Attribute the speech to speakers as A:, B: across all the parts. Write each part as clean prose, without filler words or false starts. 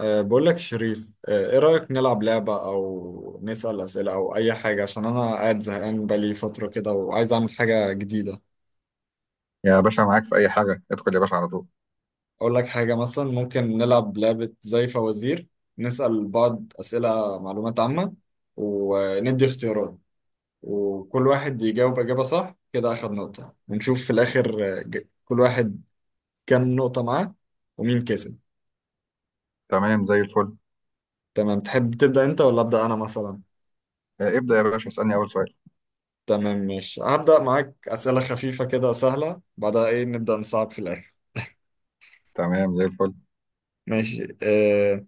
A: بقول لك يا شريف، ايه رأيك نلعب لعبة او نسأل أسئلة او اي حاجة؟ عشان انا قاعد زهقان بقالي فترة كده وعايز اعمل حاجة جديدة.
B: يا باشا، معاك في أي حاجة، ادخل يا باشا على طول.
A: اقول لك حاجة مثلا، ممكن نلعب لعبة زي فوازير. نسأل بعض أسئلة معلومات عامة وندي اختيارات، وكل واحد يجاوب إجابة صح كده أخد نقطة، ونشوف في الآخر كل واحد كام نقطة معاه ومين كسب.
B: تمام، زي الفل.
A: تمام، تحب تبدأ انت ولا أبدأ انا مثلا؟
B: آه، ابدأ يا باشا، اسألني أول سؤال.
A: تمام ماشي، هبدأ معاك أسئلة خفيفة كده سهلة، بعدها إيه نبدأ نصعب في الآخر.
B: تمام، زي الفل.
A: ماشي.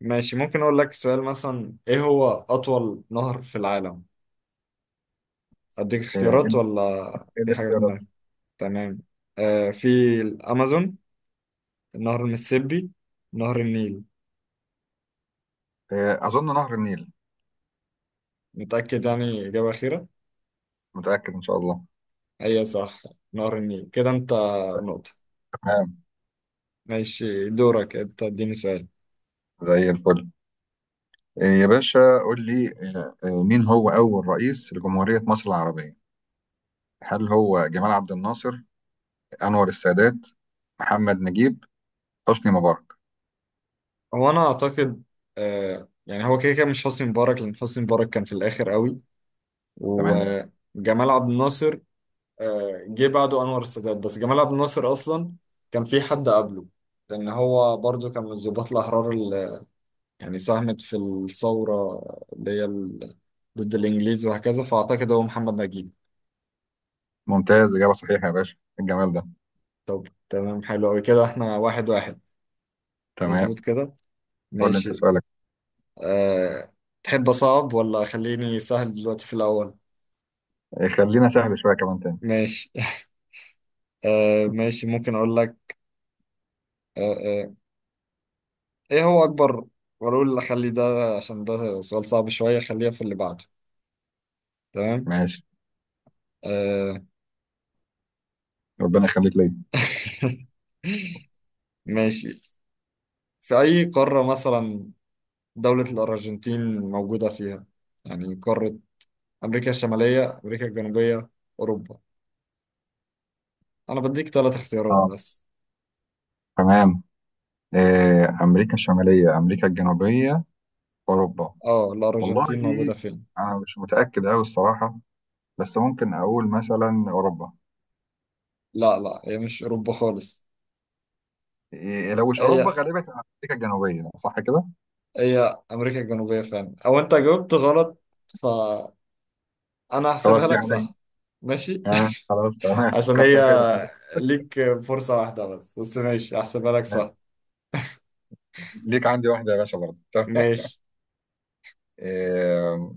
A: ماشي، ممكن أقول لك سؤال مثلا: إيه هو أطول نهر في العالم؟ أديك
B: آه،
A: اختيارات ولا
B: إيه
A: في حاجة في
B: الاختيارات؟
A: دماغك؟ تمام. في الأمازون، نهر المسيسيبي، نهر النيل.
B: أظن نهر النيل.
A: متأكد يعني؟ إجابة أخيرة؟
B: متأكد، إن شاء الله.
A: هي صح، نهر النيل. كده أنت نقطة.
B: تمام،
A: ماشي، دورك أنت، اديني سؤال.
B: زي الفل. آه، يا باشا قول لي. مين هو أول رئيس لجمهورية مصر العربية؟ هل هو جمال عبد الناصر، أنور السادات، محمد نجيب، حسني مبارك؟
A: هو انا اعتقد، يعني، هو كده كده مش حسني مبارك لان حسني مبارك كان في الاخر قوي،
B: تمام،
A: وجمال عبد الناصر جه بعده انور السادات، بس جمال عبد الناصر اصلا كان في حد قبله، لان هو برضو كان من الضباط الاحرار اللي يعني ساهمت في الثوره اللي ضد الانجليز وهكذا، فاعتقد هو محمد نجيب.
B: ممتاز، إجابة صحيحة يا باشا. إيه الجمال ده!
A: طب تمام، حلو قوي، كده احنا واحد واحد.
B: تمام.
A: مظبوط كده.
B: قول لي أنت
A: ماشي.
B: سؤالك.
A: آه تحب اصعب ولا خليني سهل دلوقتي في الاول؟
B: آه، خلينا سهل شوية كمان تاني.
A: ماشي. ماشي، ممكن اقول لك. آه آه ايه هو اكبر، واقول اخلي ده عشان ده سؤال صعب شوية، خليها في اللي بعده. تمام.
B: ماشي،
A: آه
B: ربنا يخليك ليا.
A: ماشي، في اي قارة مثلا دولة الارجنتين موجودة فيها؟ يعني قارة امريكا الشمالية، امريكا الجنوبية، اوروبا؟ انا بديك ثلاث اختيارات
B: آه.
A: بس.
B: تمام. أمريكا الشمالية، أمريكا الجنوبية، أوروبا؟
A: اه،
B: والله،
A: الارجنتين موجودة فين؟
B: أنا مش متأكد أوي الصراحة، بس ممكن أقول مثلا أوروبا.
A: لا لا، هي مش اوروبا خالص.
B: إيه، لو مش أوروبا
A: هي،
B: غالبا تبقى أمريكا الجنوبية، صح كده؟
A: هي امريكا الجنوبية فعلا، او انت جاوبت غلط، ف انا
B: خلاص،
A: هحسبها
B: دي
A: لك
B: عليا.
A: صح. ماشي.
B: آه خلاص، تمام،
A: عشان هي
B: كتر خيرك كده.
A: ليك فرصة واحدة بس، بس ماشي هحسبها لك
B: آه.
A: صح.
B: ليك عندي واحدة يا باشا برضه، تمام.
A: ماشي.
B: آه،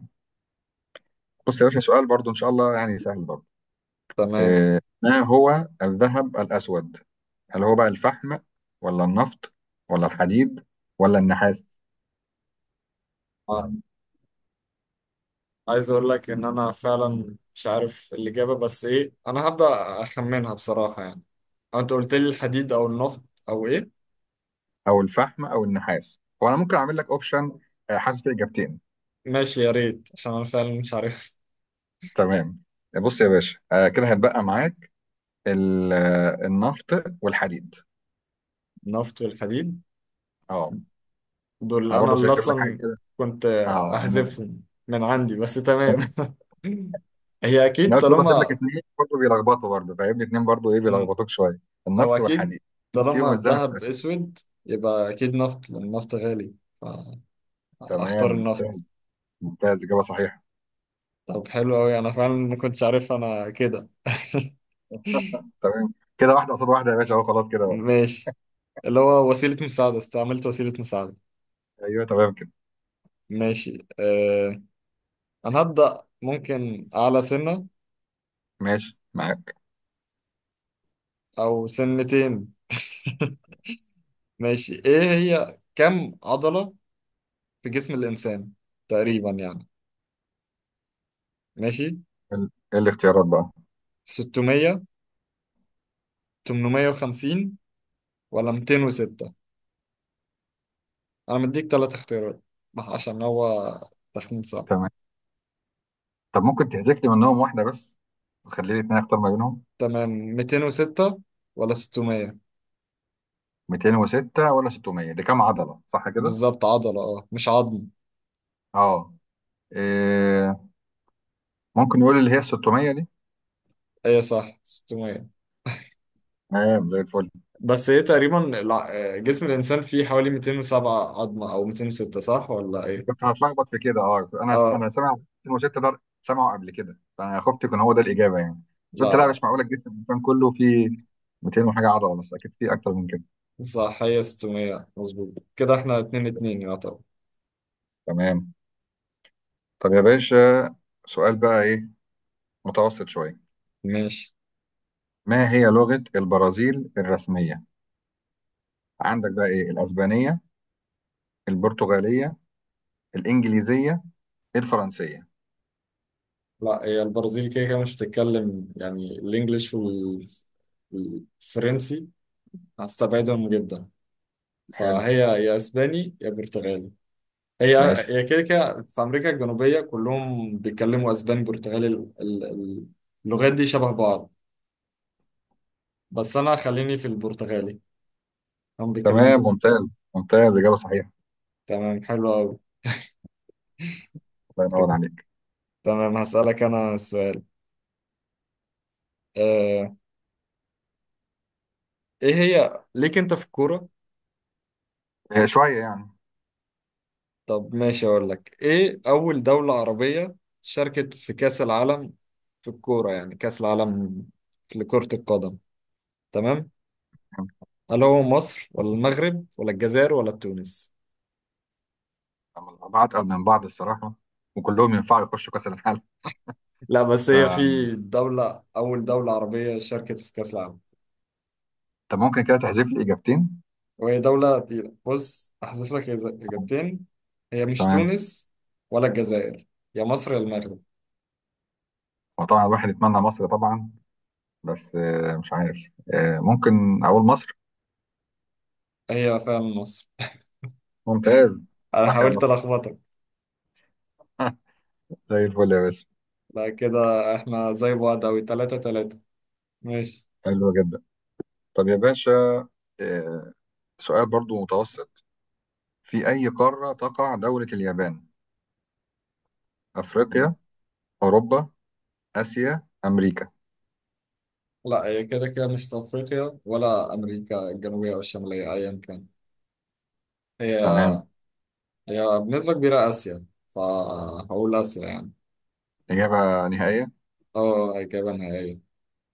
B: بص يا باشا، سؤال برضه إن شاء الله يعني سهل برضه.
A: تمام.
B: ما هو الذهب الأسود؟ هل هو بقى الفحم، ولا النفط، ولا الحديد، ولا النحاس؟
A: آه، عايز اقول لك ان انا فعلا مش عارف الاجابة، بس ايه انا هبدأ اخمنها بصراحة يعني. أو انت قلت لي الحديد او النفط او ايه؟
B: او الفحم او النحاس. هو انا ممكن اعمل لك اوبشن، حاسس في اجابتين.
A: ماشي، يا ريت، عشان انا فعلا مش عارف.
B: تمام، بص يا باشا، كده هتبقى معاك النفط والحديد.
A: النفط والحديد،
B: اه،
A: دول
B: انا
A: انا
B: برضه
A: اللي
B: سايب لك حاجه
A: اصلا
B: كده.
A: كنت
B: اه، انا
A: احذفهم من عندي، بس تمام. هي
B: انا
A: اكيد
B: قلت برضه اسيب لك
A: طالما،
B: اثنين برضه بيلخبطوا برضه، فاهمني، اثنين برضه ايه بيلخبطوك شويه.
A: هو
B: النفط
A: أكيد
B: والحديد،
A: طالما
B: فيهم الذهب
A: الذهب
B: والاسود.
A: أسود يبقى أكيد نفط، لأن النفط غالي، فأختار
B: تمام، ممتاز
A: النفط.
B: ممتاز، اجابه صحيحه.
A: طب حلو أوي، أنا فعلا ما كنتش عارف أنا كده.
B: تمام كده، واحده قصاد واحده يا باشا، اهو خلاص كده بقى.
A: ماشي، اللي هو وسيلة مساعدة، استعملت وسيلة مساعدة.
B: ايوه، تمام كده.
A: ماشي. أه، أنا هبدأ ممكن أعلى سنة
B: ماشي معاك.
A: أو سنتين. ماشي، إيه هي كم عضلة في جسم الإنسان تقريبا يعني؟ ماشي،
B: ايه الاختيارات بقى؟
A: 600، 850، ولا 206؟ انا مديك ثلاث اختيارات عشان هو تخمين صعب.
B: تمام. طب ممكن تحذف لي منهم واحدة بس، وتخلي لي اتنين اختار ما بينهم.
A: تمام، 206 ولا 600؟
B: 206 ولا 600؟ دي كام عضلة، صح كده؟
A: بالظبط عضلة، اه، مش عظم.
B: اه. إيه، ممكن يقول اللي هي 600 دي.
A: ايه، صح، 600.
B: تمام، زي الفل.
A: بس ايه، تقريبا جسم الانسان فيه حوالي 207 عظمة او 206، صح ولا ايه؟
B: كنت هتلخبط في كده. اه، انا
A: اه.
B: انا سامع 206 ده، سامعه قبل كده، فانا خفت يكون هو ده الإجابة يعني. بس قلت
A: لا
B: لا،
A: لا
B: مش معقولة الجسم الإنسان كله فيه 200 وحاجة عضلة بس، أكيد فيه أكتر من كده.
A: صح، هي 600. مظبوط كده، احنا 2 2 يعتبر.
B: تمام. طب يا باشا، سؤال بقى إيه، متوسط شوية.
A: ماشي.
B: ما هي لغة البرازيل الرسمية؟ عندك بقى إيه، الأسبانية، البرتغالية، الإنجليزية، الفرنسية؟
A: لا هي البرازيل كده كده مش بتتكلم يعني الانجليش والفرنسي، هستبعدهم جدا،
B: حلو.
A: فهي يا اسباني يا برتغالي. هي،
B: ماشي.
A: هي كده كده في امريكا الجنوبيه كلهم بيتكلموا اسباني برتغالي، اللغات دي شبه بعض، بس انا خليني في البرتغالي، هم بيتكلموا
B: تمام،
A: برتغالي.
B: ممتاز ممتاز، إجابة صحيحة.
A: تمام، حلو قوي.
B: الله ينور عليك.
A: تمام هسألك انا سؤال. آه، ايه هي ليك انت في الكوره؟
B: آه، شوية يعني.
A: طب ماشي، اقول لك ايه، اول دوله عربيه شاركت في كاس العالم، في الكوره يعني، كاس العالم لكرة القدم. تمام، هل هو مصر ولا المغرب ولا الجزائر ولا تونس؟
B: أما الأربعة أتقل من بعض الصراحة، وكلهم ينفعوا يخشوا كأس العالم.
A: لا، بس هي في دولة، أول دولة عربية شاركت في كأس العالم،
B: طب ممكن كده تحذف لي إجابتين.
A: وهي دولة تقيلة. بص، أحذف لك إجابتين. هي مش
B: تمام.
A: تونس ولا الجزائر، يا مصر يا المغرب.
B: وطبعا الواحد يتمنى مصر طبعا، بس مش عارف، ممكن أقول مصر.
A: هي فعلا مصر.
B: ممتاز.
A: أنا
B: صح، يا
A: حاولت
B: مصر.
A: ألخبطك.
B: زي الفل يا باشا.
A: لا كده إحنا زي بعض أوي، تلاتة تلاتة. ماشي.
B: حلو جدا. طب يا باشا، آه، سؤال برضو متوسط. في أي قارة تقع دولة اليابان؟ أفريقيا، أوروبا، آسيا، أمريكا؟
A: لا هي كده كده مش في أفريقيا ولا أمريكا الجنوبية أو الشمالية، أيا كان. هي،
B: تمام.
A: هي بنسبة كبيرة آسيا، فهقول آسيا يعني.
B: إجابة نهائية.
A: اه، جبنها، ايوه.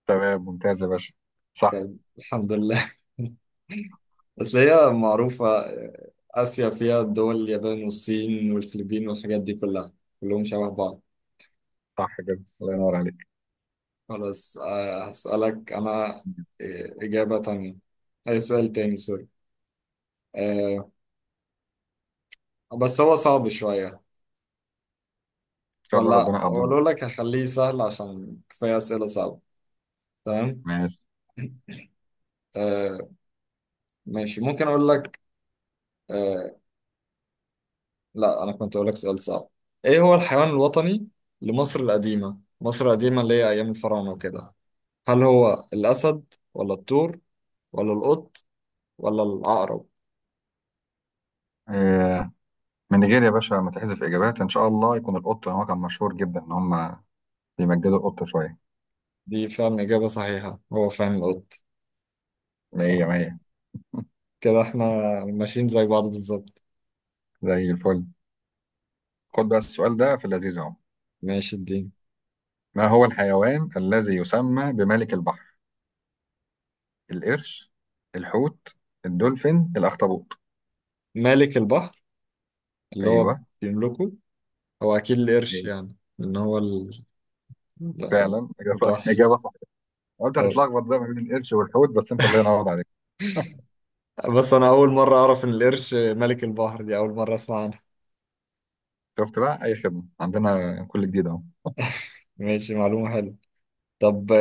B: تمام، ممتاز يا باشا. صح.
A: طب الحمد لله. بس هي معروفة، آسيا فيها دول اليابان والصين والفلبين والحاجات دي كلها، كلهم شبه بعض.
B: صح كده، الله ينور عليك.
A: خلاص، هسألك أنا.
B: إن
A: آه، إجابة تانية، أي سؤال تاني، سوري. آه، بس هو صعب شوية،
B: شاء الله،
A: ولا
B: ربنا يقدرنا.
A: أقول لك هخليه سهل عشان كفاية أسئلة صعبة. تمام.
B: ماشي.
A: آه، ماشي، ممكن أقول لك. آه، لا انا كنت اقول لك سؤال صعب. ايه هو الحيوان الوطني لمصر القديمة؟ مصر القديمة اللي هي ايام الفراعنة وكده. هل هو الاسد ولا الطور ولا القط ولا العقرب؟
B: آه من نيجيريا يا باشا، متحذف إجابات إن شاء الله يكون القط، هو كان مشهور جدا إن هم بيمجدوا القط شوية.
A: دي فعلا اجابة صحيحة، هو فعلا القط.
B: مية
A: فكده
B: مية.
A: احنا ماشيين زي بعض بالظبط.
B: زي الفل. خد بقى السؤال ده في اللذيذ أهو.
A: ماشي الدين.
B: ما هو الحيوان الذي يسمى بملك البحر؟ القرش، الحوت، الدولفين، الأخطبوط؟
A: مالك البحر، اللي هو
B: أيوه.
A: بيملكه، هو اكيد القرش،
B: إيه،
A: يعني ان هو
B: فعلا إجابة
A: المتوحش.
B: إجابة. قلت
A: طب،
B: هتتلخبط بقى ما بين القرش والحوت، بس انت الله ينور عليك.
A: بس انا اول مرة اعرف ان القرش ملك البحر، دي اول مرة اسمع عنها.
B: شفت بقى، اي خدمه عندنا، كل جديد اهو.
A: ماشي، معلومة حلوة. طب،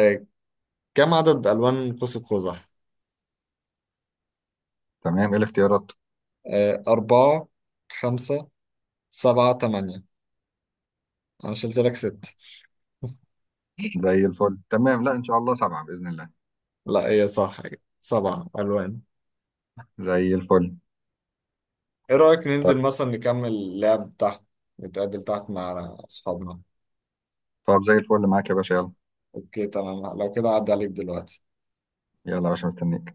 A: كم عدد ألوان قوس قزح؟
B: تمام، ايه الاختيارات؟
A: آه، أربعة، خمسة، سبعة، تمانية؟ أنا شلت لك ست.
B: زي الفل، تمام. لا ان شاء الله سبعه باذن الله.
A: لا هي صح، سبع ألوان.
B: زي الفل.
A: إيه رأيك
B: طيب.
A: ننزل مثلا نكمل اللعب تحت، نتقابل تحت مع أصحابنا؟
B: طب زي الفل معاك يا باشا، يلا.
A: أوكي تمام، لو كده عدى عليك دلوقتي.
B: يلا يا باشا، مستنيك.